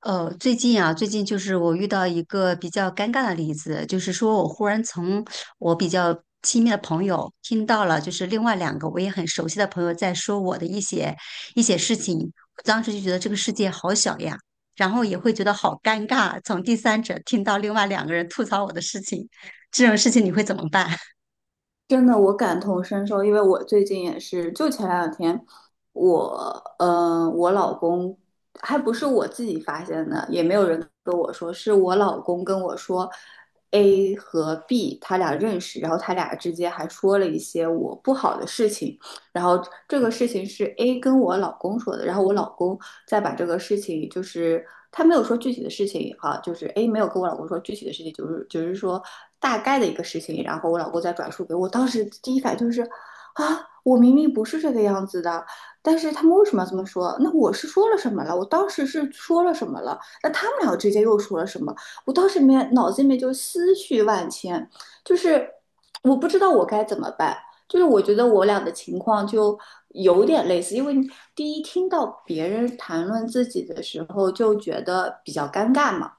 最近啊，最近就是我遇到一个比较尴尬的例子，就是说我忽然从我比较亲密的朋友听到了，就是另外两个我也很熟悉的朋友在说我的一些事情，我当时就觉得这个世界好小呀，然后也会觉得好尴尬，从第三者听到另外两个人吐槽我的事情，这种事情你会怎么办？真的，我感同身受，因为我最近也是，就前两天，我，我老公还不是我自己发现的，也没有人跟我说，是我老公跟我说，A 和 B 他俩认识，然后他俩之间还说了一些我不好的事情，然后这个事情是 A 跟我老公说的，然后我老公再把这个事情，他没有说具体的事情啊，就是 A 没有跟我老公说具体的事情，就是说大概的一个事情，然后我老公再转述给我。当时第一反应就是啊，我明明不是这个样子的，但是他们为什么要这么说？那我是说了什么了？我当时是说了什么了？那他们俩之间又说了什么？我当时里面脑子里面就思绪万千，就是我不知道我该怎么办。就是我觉得我俩的情况就有点类似，因为第一听到别人谈论自己的时候就觉得比较尴尬嘛，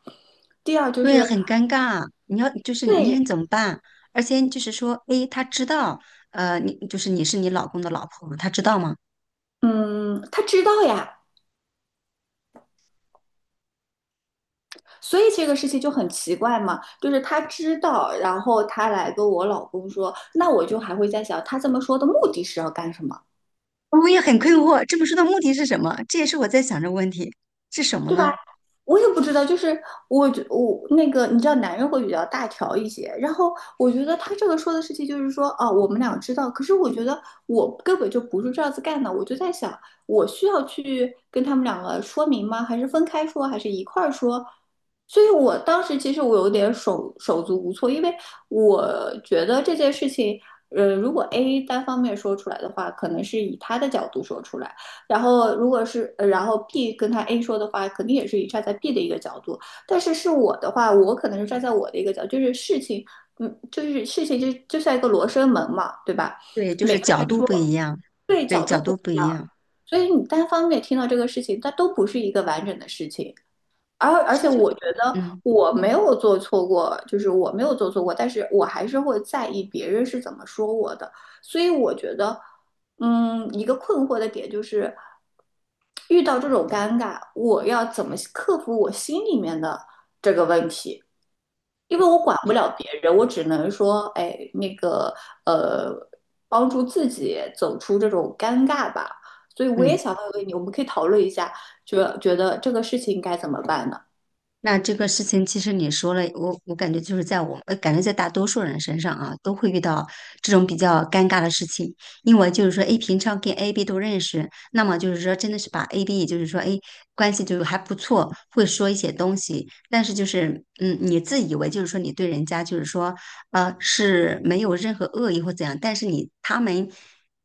第二就对，是很尴尬，你要就是你对，很怎么办？而且就是说，诶，他知道，你就是你是你老公的老婆，他知道吗？嗯，他知道呀，所以这个事情就很奇怪嘛，就是他知道，然后他来跟我老公说，那我就还会在想，他这么说的目的是要干什么？我们也很困惑，这本书的目的是什么？这也是我在想这个问题，是什么对吧？呢？我也不知道，就是我觉我那个，你知道，男人会比较大条一些。然后我觉得他这个说的事情就是说，哦，我们俩知道，可是我觉得我根本就不是这样子干的。我就在想，我需要去跟他们两个说明吗？还是分开说，还是一块儿说？所以我当时其实我有点手足无措，因为我觉得这件事情，如果 A 单方面说出来的话，可能是以他的角度说出来。然后如果是，然后 B 跟他 A 说的话，肯定也是以站在 B 的一个角度，但是是我的话，我可能是站在我的一个角度就是事情，嗯，就是事情就像一个罗生门嘛，对吧？对，就每是个角人度说不一样，对对，角度角不度不一一样，样，所以你单方面听到这个事情，它都不是一个完整的事情。而而所以且就，我觉得嗯，我没有做错过，就是我没有做错过，但是我还是会在意别人是怎么说我的。所以我觉得，嗯，一个困惑的点就是，遇到这种尴尬，我要怎么克服我心里面的这个问题？因为我管不你了别人，我只能说，哎，那个，呃，帮助自己走出这种尴尬吧。所以我也嗯，想问问你，我们可以讨论一下，觉得这个事情该怎么办呢？那这个事情，其实你说了，我感觉就是在我，感觉在大多数人身上啊，都会遇到这种比较尴尬的事情。因为就是说，A 平常跟 A、B 都认识，那么就是说，真的是把 A、B，也就是说，诶关系就是还不错，会说一些东西，但是就是，嗯，你自以为就是说你对人家就是说，是没有任何恶意或怎样，但是你他们。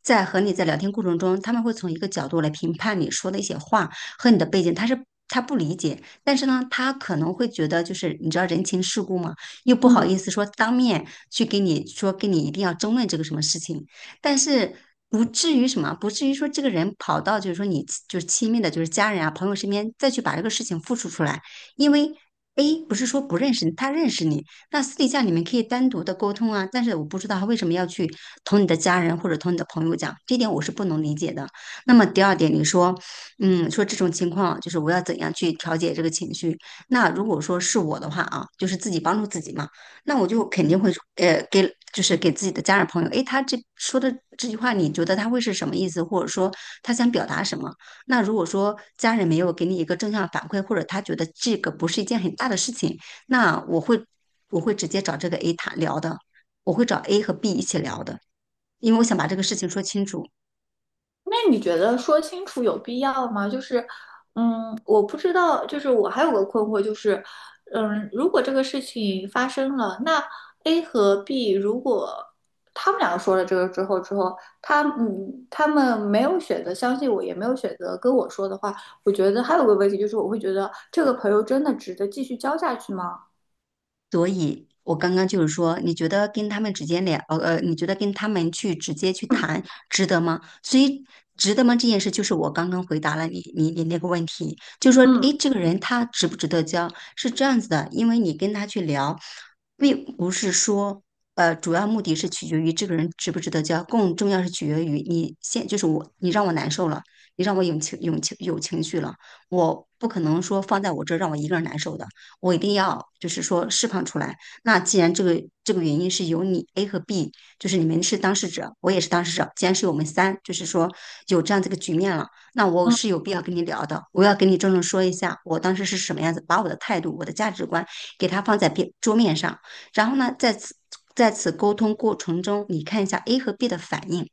在和你在聊天过程中，他们会从一个角度来评判你说的一些话和你的背景，他不理解，但是呢，他可能会觉得就是你知道人情世故嘛，又不好嗯。意思说当面去给你说跟你一定要争论这个什么事情，但是。不至于什么，不至于说这个人跑到就是说你就是亲密的，就是家人啊、朋友身边再去把这个事情复述出来，因为 A 不是说不认识你，他认识你，那私底下你们可以单独的沟通啊。但是我不知道他为什么要去同你的家人或者同你的朋友讲，这点我是不能理解的。那么第二点，你说。嗯，说这种情况就是我要怎样去调节这个情绪？那如果说是我的话啊，就是自己帮助自己嘛，那我就肯定会给就是给自己的家人朋友，诶，他这说的这句话，你觉得他会是什么意思，或者说他想表达什么？那如果说家人没有给你一个正向反馈，或者他觉得这个不是一件很大的事情，那我会直接找这个 A 谈聊的，我会找 A 和 B 一起聊的，因为我想把这个事情说清楚。那你觉得说清楚有必要吗？就是，嗯，我不知道，就是我还有个困惑，就是，嗯，如果这个事情发生了，那 A 和 B 如果他们两个说了这个之后，之后他嗯，他们没有选择相信我，也没有选择跟我说的话，我觉得还有个问题就是，我会觉得这个朋友真的值得继续交下去吗？所以，我刚刚就是说，你觉得跟他们直接聊，你觉得跟他们去直接去嗯谈，值得吗？所以，值得吗？这件事就是我刚刚回答了你，你那个问题，就是说，嗯诶，这个人他值不值得交，是这样子的，因为你跟他去聊，并不是说，主要目的是取决于这个人值不值得交，更重要是取决于你现，就是我，你让我难受了，你让我有情绪了我不可能说放在我这儿让我一个人难受的。我一定要就是说释放出来。那既然这个原因是由你 A 和 B，就是你们是当事者，我也是当事者，既然是我们三，就是说有这样这个局面了，那我嗯，是有必要跟你聊的，我要跟你郑重说一下，我当时是什么样子，把我的态度、我的价值观给他放在边桌面上，然后呢，在此沟通过程中，你看一下 A 和 B 的反应。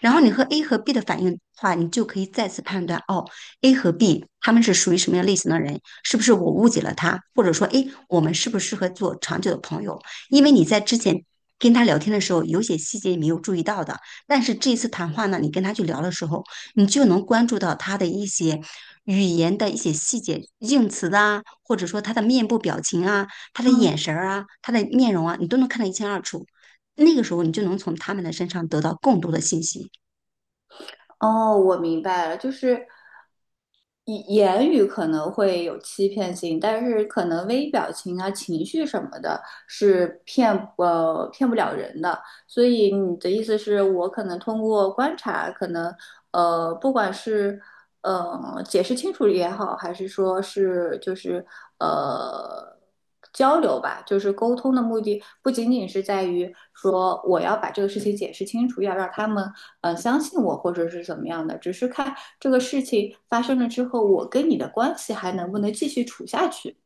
然后你和 A 和 B 的反应的话，你就可以再次判断哦，A 和 B 他们是属于什么样类型的人，是不是我误解了他，或者说，哎，我们适不适合做长久的朋友？因为你在之前跟他聊天的时候，有些细节你没有注意到的，但是这一次谈话呢，你跟他去聊的时候，你就能关注到他的一些。语言的一些细节、用词啊，或者说他的面部表情啊、他的嗯，眼神儿啊、他的面容啊，你都能看得一清二楚。那个时候，你就能从他们的身上得到更多的信息。哦，我明白了，就是以言语可能会有欺骗性，但是可能微表情啊、情绪什么的，是骗不了人的。所以你的意思是我可能通过观察，可能不管是解释清楚也好，还是说是就是呃交流吧，就是沟通的目的不仅仅是在于说我要把这个事情解释清楚，要让他们相信我或者是怎么样的，只是看这个事情发生了之后，我跟你的关系还能不能继续处下去。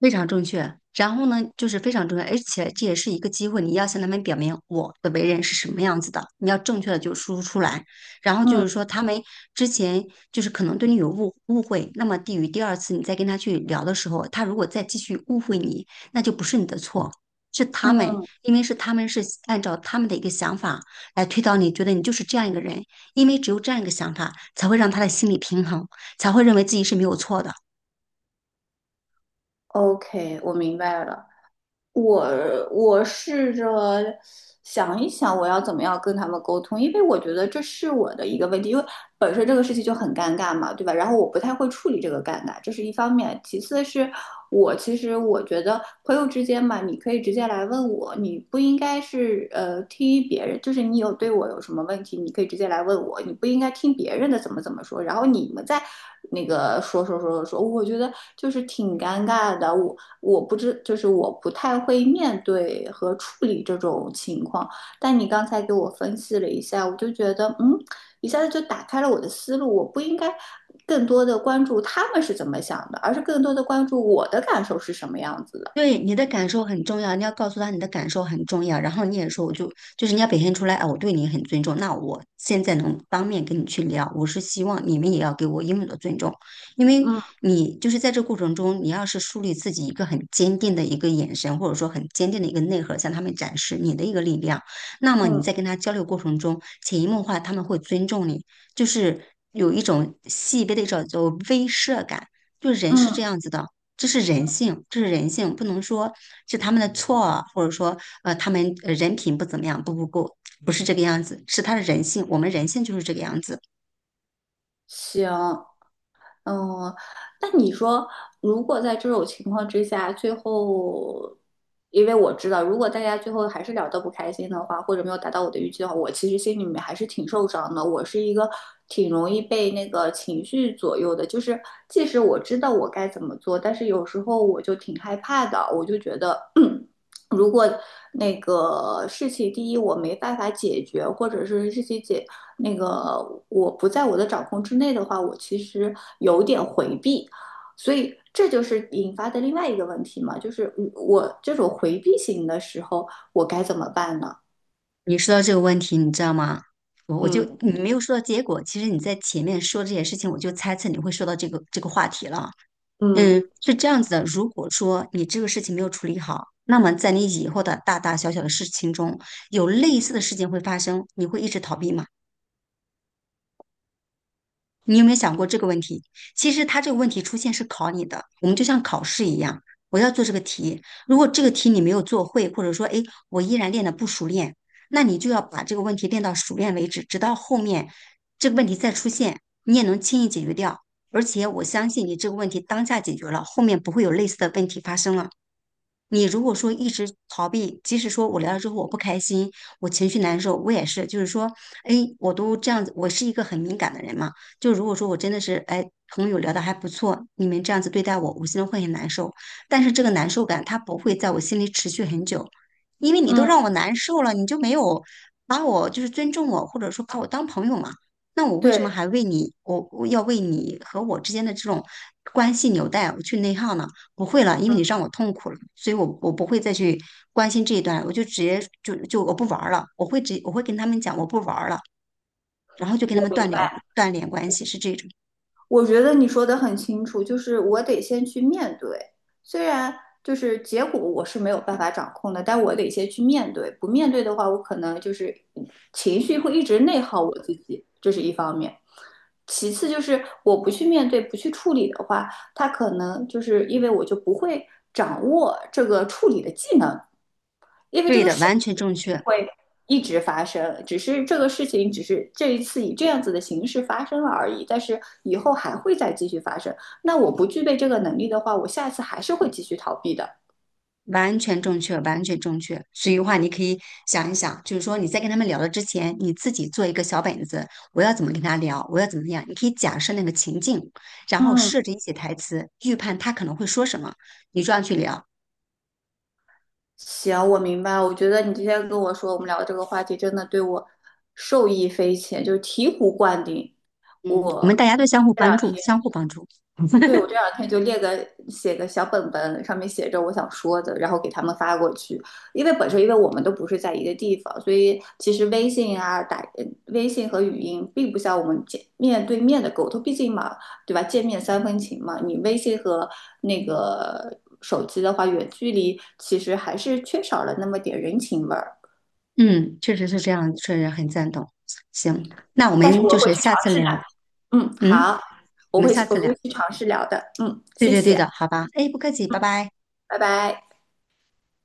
非常正确。然后呢，就是非常重要，而且这也是一个机会，你要向他们表明我的为人是什么样子的，你要正确的就输出出来。然后就是嗯说，他们之前就是可能对你有误会那么低于第二次你再跟他去聊的时候，他如果再继续误会你，那就不是你的错，是他们，嗯因为是他们是按照他们的一个想法来推导你，觉得你就是这样一个人，因为只有这样一个想法，才会让他的心理平衡，才会认为自己是没有错的。，OK，我明白了。我我试着想一想，我要怎么样跟他们沟通，因为我觉得这是我的一个问题，因为本身这个事情就很尴尬嘛，对吧？然后我不太会处理这个尴尬，这是一方面。其次是我其实我觉得朋友之间嘛，你可以直接来问我，你不应该是听别人，就是你有对我有什么问题，你可以直接来问我，你不应该听别人的怎么怎么说，然后你们在那个说我觉得就是挺尴尬的。我不知，就是我不太会面对和处理这种情况。但你刚才给我分析了一下，我就觉得，嗯，一下子就打开了我的思路。我不应该更多的关注他们是怎么想的，而是更多的关注我的感受是什么样子的。对你的感受很重要，你要告诉他你的感受很重要，然后你也说，就是你要表现出来，啊，我对你很尊重，那我现在能当面跟你去聊，我是希望你们也要给我应有的尊重，因为嗯你就是在这过程中，你要是树立自己一个很坚定的一个眼神，或者说很坚定的一个内核，向他们展示你的一个力量，那么你嗯在跟他交流过程中，潜移默化他们会尊重你，就是有一种细微的一种叫做威慑感，就人是这嗯，样子的。这是人性，这是人性，不能说是他们的错啊，或者说他们人品不怎么样，不是这个样子，是他的人性，我们人性就是这个样子。行。嗯，那你说，如果在这种情况之下，最后，因为我知道，如果大家最后还是聊得不开心的话，或者没有达到我的预期的话，我其实心里面还是挺受伤的。我是一个挺容易被那个情绪左右的，就是即使我知道我该怎么做，但是有时候我就挺害怕的，我就觉得。如果那个事情第一我没办法解决，或者是事情解那个我不在我的掌控之内的话，我其实有点回避，所以这就是引发的另外一个问题嘛，就是我这种回避型的时候，我该怎么办呢？你说到这个问题，你知道吗？我就嗯你没有说到结果，其实你在前面说这些事情，我就猜测你会说到这个话题了。嗯嗯，是这样子的，如果说你这个事情没有处理好，那么在你以后的大大小小的事情中，有类似的事情会发生，你会一直逃避吗？你有没有想过这个问题？其实它这个问题出现是考你的，我们就像考试一样，我要做这个题。如果这个题你没有做会，或者说，哎，我依然练得不熟练，那你就要把这个问题练到熟练为止，直到后面这个问题再出现，你也能轻易解决掉。而且我相信你这个问题当下解决了，后面不会有类似的问题发生了。你如果说一直逃避，即使说我聊了之后我不开心，我情绪难受，我也是，就是说，哎，我都这样子，我是一个很敏感的人嘛。就如果说我真的是，哎，朋友聊的还不错，你们这样子对待我，我心中会很难受。但是这个难受感它不会在我心里持续很久，因为你都嗯，让我难受了，你就没有把我就是尊重我，或者说把我当朋友嘛。那我为什么对，还为你，我要为你和我之间的这种关系纽带我去内耗呢？不会了，因为嗯，你让我痛苦了，所以我不会再去关心这一段，我就直接我不玩儿了，我会跟他们讲我不玩儿了，然后就跟我他们明断掉白。断联关系，是这种。我觉得你说的很清楚，就是我得先去面对，虽然就是结果我是没有办法掌控的，但我得先去面对。不面对的话，我可能就是情绪会一直内耗我自己，这是一方面。其次就是我不去面对、不去处理的话，他可能就是因为我就不会掌握这个处理的技能，因为这对个的，事情会一直发生，只是这个事情只是这一次以这样子的形式发生了而已，但是以后还会再继续发生。那我不具备这个能力的话，我下一次还是会继续逃避的。完全正确。所以的话，你可以想一想，就是说你在跟他们聊的之前，你自己做一个小本子，我要怎么跟他聊，我要怎么样，你可以假设那个情境，然后嗯，设置一些台词，预判他可能会说什么，你这样去聊。行，我明白。我觉得你今天跟我说我们聊这个话题，真的对我受益匪浅，就是醍醐灌顶。嗯，我我们大家都相互这两帮助，天。相互帮助。对，我这两天就列个写个小本本，上面写着我想说的，然后给他们发过去。因为本身因为我们都不是在一个地方，所以其实微信和语音并不像我们见面对面的沟通，毕竟嘛，对吧？见面三分情嘛，你微信和那个手机的话，远距离其实还是缺少了那么点人情味儿。嗯，确实是这样，确实很赞同。行，那我但是们我就会是去下尝次试的，聊。嗯，嗯，好，我我们会下去我次聊。会去尝试聊的，嗯，谢对谢，的，好吧。哎，不客气，拜拜。拜拜。